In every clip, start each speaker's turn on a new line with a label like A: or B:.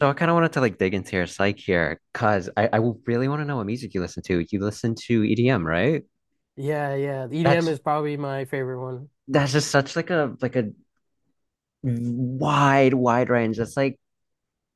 A: So I kind of wanted to like dig into your psyche here, cause I really want to know what music you listen to. You listen to EDM, right?
B: Yeah, yeah. The EDM
A: That's
B: is probably my favorite one.
A: that's just such like a wide range.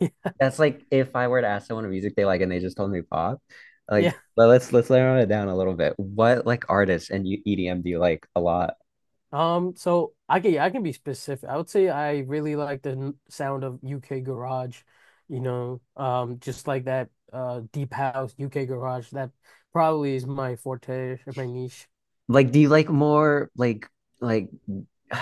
A: That's like if I were to ask someone what music they like and they just told me pop, like
B: Yeah.
A: but let's narrow it down a little bit. What like artists and you EDM do you like a lot?
B: So I can yeah, I can be specific. I would say I really like the sound of UK garage, just like that deep house UK garage. That probably is my forte or my niche.
A: Like do you like more like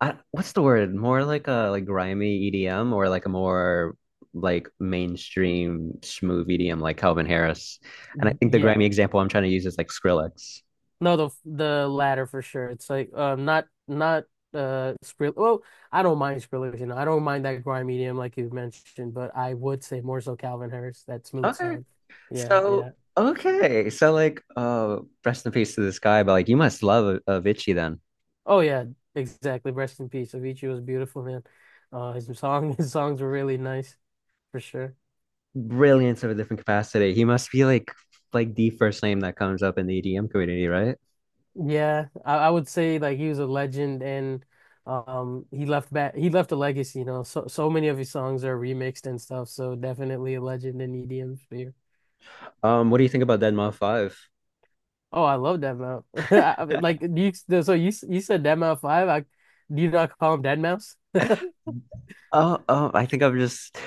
A: what's the word? More like a like grimy EDM or like a more like mainstream smooth EDM like Calvin Harris. And I
B: Y-
A: think the
B: Yeah.
A: grimy example I'm trying to use is like Skrillex.
B: No, the latter for sure. It's like, not not Skrill well, I don't mind Skrillex, you know. I don't mind that grime medium like you mentioned, but I would say more so Calvin Harris, that smooth
A: Okay.
B: side. Yeah,
A: So
B: yeah.
A: okay. So like rest in peace to this guy, but like you must love Avicii then.
B: Oh yeah, exactly. Rest in peace. Avicii was beautiful, man. His songs were really nice for sure.
A: Brilliance of a different capacity. He must be like the first name that comes up in the EDM community, right?
B: Yeah, I would say like he was a legend, and he left a legacy. So many of his songs are remixed and stuff. So definitely a legend in EDM sphere.
A: What do you think about Dead 5?
B: Oh, I love Deadmau5. I mean, Like do you, so you said Deadmau5. Do you not call him Deadmau5?
A: Oh, oh, I think I'm just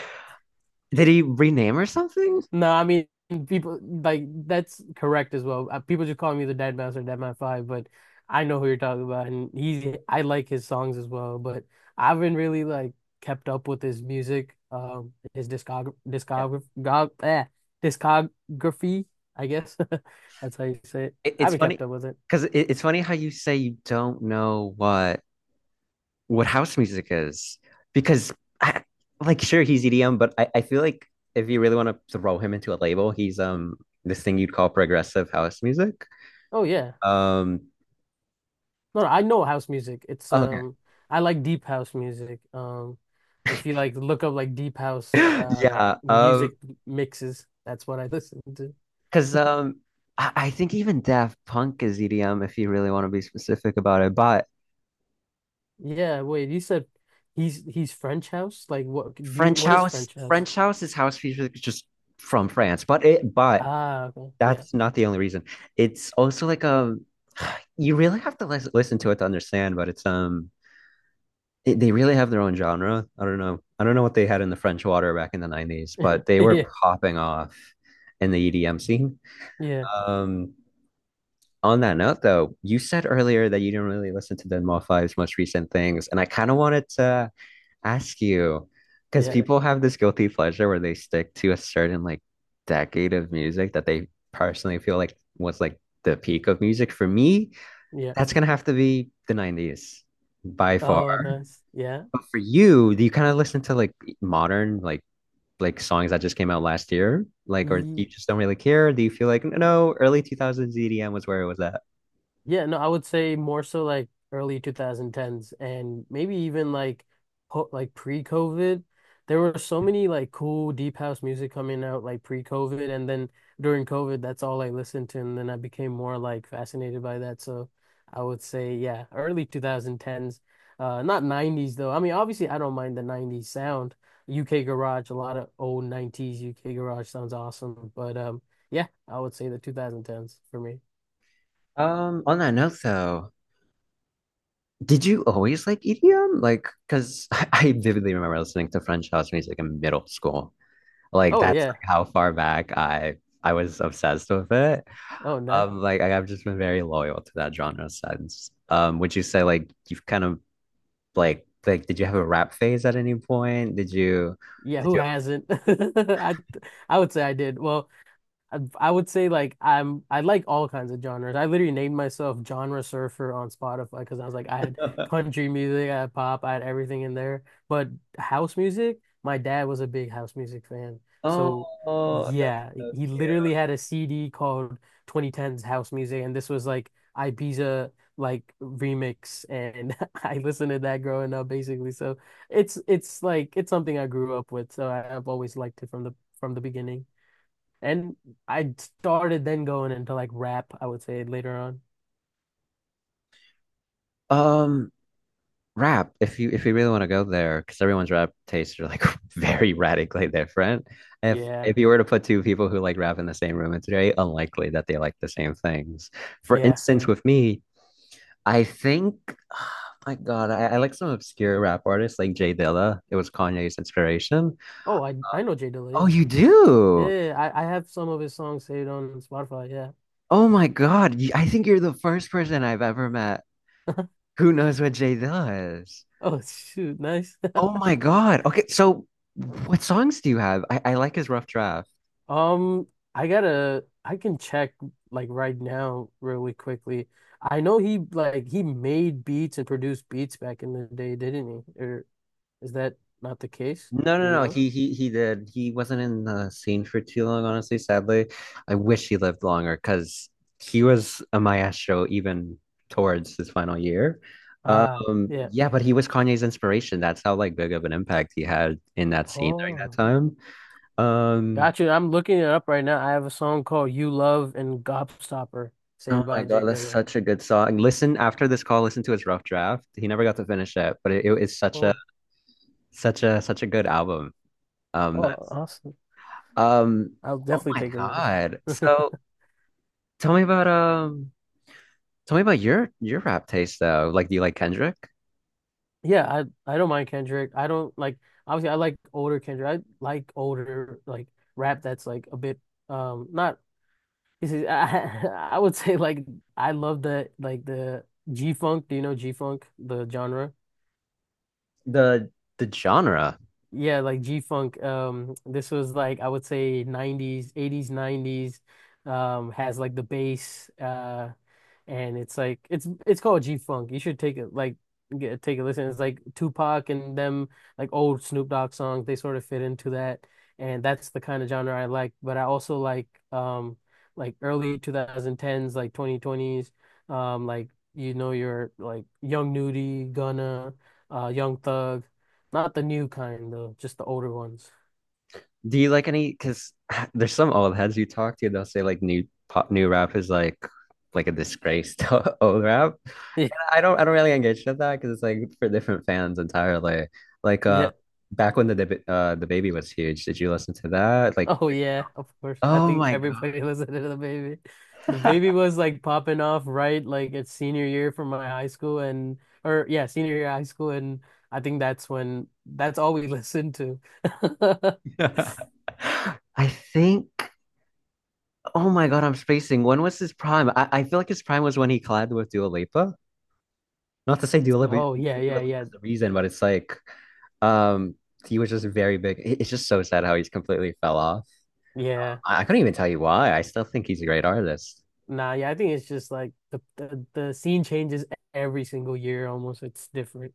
A: did he rename or something?
B: No, I mean people like that's correct as well. People just call me the Dead Mouse or Dead Man Five, but I know who you're talking about, and he's I like his songs as well. But I haven't really like kept up with his music, his
A: Yeah.
B: discography, I guess. That's how you say it.
A: It,
B: I
A: it's
B: haven't
A: funny
B: kept up with it.
A: because it's funny how you say you don't know what house music is because I, like sure he's EDM, but I feel like if you really want to throw him into a label, he's this thing you'd call progressive house music.
B: Oh yeah.
A: Um,
B: No, no, I know house music. It's
A: okay.
B: I like deep house music. If you like look up like deep house
A: Yeah. Um,
B: music mixes, that's what I listen to.
A: because um, I think even Daft Punk is EDM if you really want to be specific about it. But
B: Yeah, wait, you said he's French house? Like what do you
A: French
B: what is
A: house,
B: French house?
A: French house is house music just from France, but it but
B: Ah, okay. Yeah.
A: that's not the only reason. It's also like you really have to listen to it to understand, but it's they really have their own genre. I don't know. I don't know what they had in the French water back in the 90s, but they
B: Yeah.
A: were popping off in the EDM scene.
B: Yeah.
A: Um, on that note, though, you said earlier that you didn't really listen to Den Five's most recent things, and I kind of wanted to ask you because yeah,
B: Yeah.
A: people have this guilty pleasure where they stick to a certain like decade of music that they personally feel like was like the peak of music. For me,
B: Yeah.
A: that's gonna have to be the 90s by far.
B: Oh,
A: Mm.
B: nice. Yeah.
A: But for you, do you kind of listen to like modern like songs that just came out last year? Like or you just don't really care? Do you feel like no, early 2000s EDM was where it was at?
B: Yeah, no, I would say more so like early 2010s and maybe even like po like pre-COVID. There were so many like cool deep house music coming out like pre-COVID, and then during COVID that's all I listened to, and then I became more like fascinated by that. So I would say, yeah, early 2010s. Not 90s though. I mean obviously I don't mind the 90s sound. UK garage, a lot of old 90s UK garage sounds awesome, but yeah, I would say the 2010s for me.
A: On that note though, did you always like EDM? Like, because I vividly remember listening to French house music in middle school. Like, oh,
B: Oh
A: that's
B: yeah.
A: like how far back I was obsessed with it.
B: Oh, nice.
A: Like I've just been very loyal to that genre since. Would you say like you've kind of like did you have a rap phase at any point?
B: Yeah,
A: Did
B: who
A: you
B: hasn't? I would say I did. Well, I would say like I like all kinds of genres. I literally named myself genre surfer on Spotify because I was like I had
A: have
B: country music, I had pop, I had everything in there. But house music, my dad was a big house music fan. So
A: oh, that's
B: yeah,
A: so
B: he
A: cute.
B: literally had a CD called 2010's House Music, and this was like Ibiza like remix, and I listened to that growing up basically. So it's like it's something I grew up with. So I've always liked it from the beginning. And I started then going into like rap, I would say, later on.
A: Um, rap if you really want to go there because everyone's rap tastes are like very radically different
B: Yeah.
A: if you were to put two people who like rap in the same room it's very unlikely that they like the same things for
B: Yeah.
A: instance with me I think oh my God, I like some obscure rap artists like Jay Dilla. It was Kanye's inspiration.
B: Oh, I know Jay Dilla,
A: Oh,
B: yeah.
A: you do.
B: Yeah, yeah, I have some of his songs saved on Spotify, yeah.
A: Oh my God, you- I think you're the first person I've ever met who knows what Jay Dilla is.
B: Oh, shoot, nice.
A: Oh my God, okay. So what songs do you have? I like his rough draft.
B: Um, I can check like right now really quickly. I know he made beats and produced beats back in the day, didn't he? Or is that not the case?
A: No,
B: Do
A: no,
B: you
A: no.
B: know?
A: He did. He wasn't in the scene for too long, honestly, sadly. I wish he lived longer because he was a maestro even towards his final year.
B: Ah, yeah.
A: Yeah, but he was Kanye's inspiration. That's how like big of an impact he had in that scene during that
B: Oh.
A: time. Um,
B: Got you. I'm looking it up right now. I have a song called You Love and Gobstopper,
A: oh
B: saved
A: my
B: by
A: God,
B: Jay
A: that's
B: Dilla.
A: such a good song. Listen, after this call, listen to his rough draft. He never got to finish it, but it is such a
B: Oh,
A: such a such a good album. That,
B: oh, awesome.
A: um,
B: I'll
A: oh
B: definitely
A: my
B: take a
A: God.
B: look.
A: So tell me about um, tell me about your rap taste though. Like do you like Kendrick?
B: Yeah, I don't mind Kendrick. I don't like. Obviously, I like older Kendrick. I like older like rap that's like a bit, not this is I, I would say like I love the G-funk. Do you know G-funk, the genre?
A: The the genre.
B: Yeah, like G-Funk. This was like I would say 90s, 80s, 90s. Has like the bass, and it's called G-Funk. You should take a listen. It's like Tupac and them like old Snoop Dogg songs. They sort of fit into that, and that's the kind of genre I like. But I also like, like early 2010s, like 2020s, um like your like Young Nudy, Gunna, Young Thug. Not the new kind though, just the older ones.
A: Do you like any because there's some old heads you talk to, they'll say like new pop new rap is like a disgrace to old rap.
B: Yeah,
A: I don't really engage with that because it's like for different fans entirely. Like
B: yeah.
A: back when the the baby was huge, did you listen to that? Like
B: Oh yeah, of course. I
A: oh
B: think
A: my
B: everybody listened to the baby. The
A: God.
B: baby was like popping off, right, like it's senior year for my high school and or yeah, senior year high school, and I think that's all we listened to.
A: I think oh my God, I'm spacing. When was his prime? I feel like his prime was when he collabed with Dua Lipa. Not to say Dua Lipa,
B: Oh yeah,
A: Dua
B: yeah, yeah.
A: Lipa's the reason, but it's like, um, he was just very big. It- It's just so sad how he's completely fell off.
B: Yeah.
A: I couldn't even tell you why. I still think he's a great artist.
B: Nah, yeah, I think it's just like the scene changes every single year almost. It's different.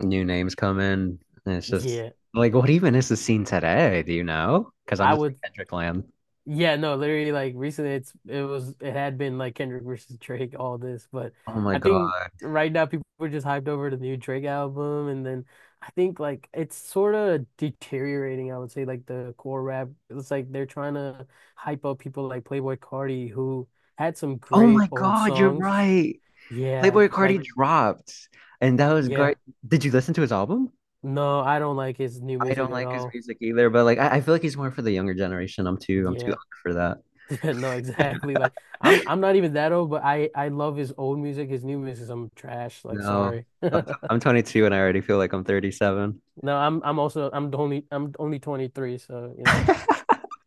A: New names come in, and it's just
B: Yeah.
A: like, what even is the scene today? Do you know? Because I'm
B: I
A: just
B: would
A: in Kendrick land.
B: Yeah, no, literally like recently it's it was it had been like Kendrick versus Drake, all this. But
A: Oh my
B: I think
A: God.
B: right now people are just hyped over the new Drake album, and then I think like it's sort of deteriorating, I would say, like the core rap. It's like they're trying to hype up people like Playboi Carti, who had some
A: Oh
B: great
A: my
B: old
A: God, you're
B: songs.
A: right.
B: Yeah,
A: Playboy Carti
B: like
A: dropped, and that was
B: yeah.
A: great. Did you listen to his album?
B: No, I don't like his new
A: I don't
B: music at
A: like his
B: all.
A: music either, but like I feel like he's more for the younger generation. I'm too
B: Yeah.
A: old for
B: Yeah, no, exactly. Like I'm
A: that.
B: I'm not even that old, but I love his old music. His new music, I'm trash. Like
A: No,
B: sorry.
A: I'm 22 and I already feel like I'm 37.
B: No, I'm also I'm the only I'm only 23, so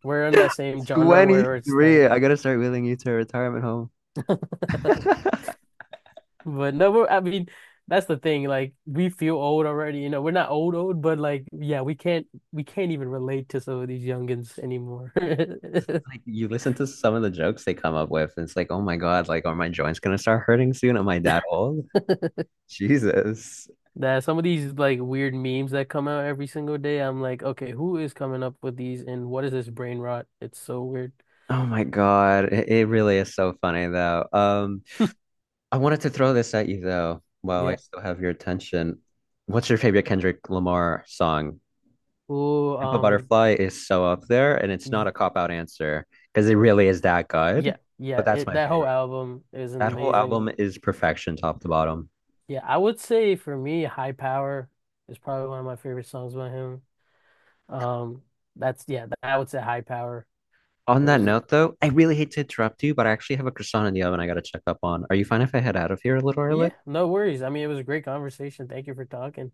B: we're in that same genre where it's like—
A: 23. I gotta start wheeling you to a retirement home.
B: But no, I mean that's the thing. Like we feel old already. You know, we're not old old, but like yeah, we can't even relate to some of these youngins anymore.
A: Like you listen to some of the jokes they come up with, and it's like, oh my God, like are my joints gonna start hurting soon? Am I that old? Jesus.
B: That some of these like weird memes that come out every single day, I'm like, okay, who is coming up with these and what is this brain rot? It's so weird.
A: Oh my God. It really is so funny though. I wanted to throw this at you though, while I
B: Yeah.
A: still have your attention. What's your favorite Kendrick Lamar song?
B: Oh,
A: Pimp a Butterfly is so up there, and it's not
B: y-
A: a cop out answer because it really is that good.
B: yeah, yeah.
A: But that's
B: It
A: my
B: That whole
A: favorite.
B: album is
A: That whole
B: amazing.
A: album is perfection, top to bottom.
B: Yeah, I would say for me, High Power is probably one of my favorite songs by him. Um, that's yeah, I would say High Power
A: On that
B: was.
A: note, though, I really hate to interrupt you, but I actually have a croissant in the oven I gotta check up on. Are you fine if I head out of here a little early?
B: Yeah, no worries. I mean, it was a great conversation. Thank you for talking.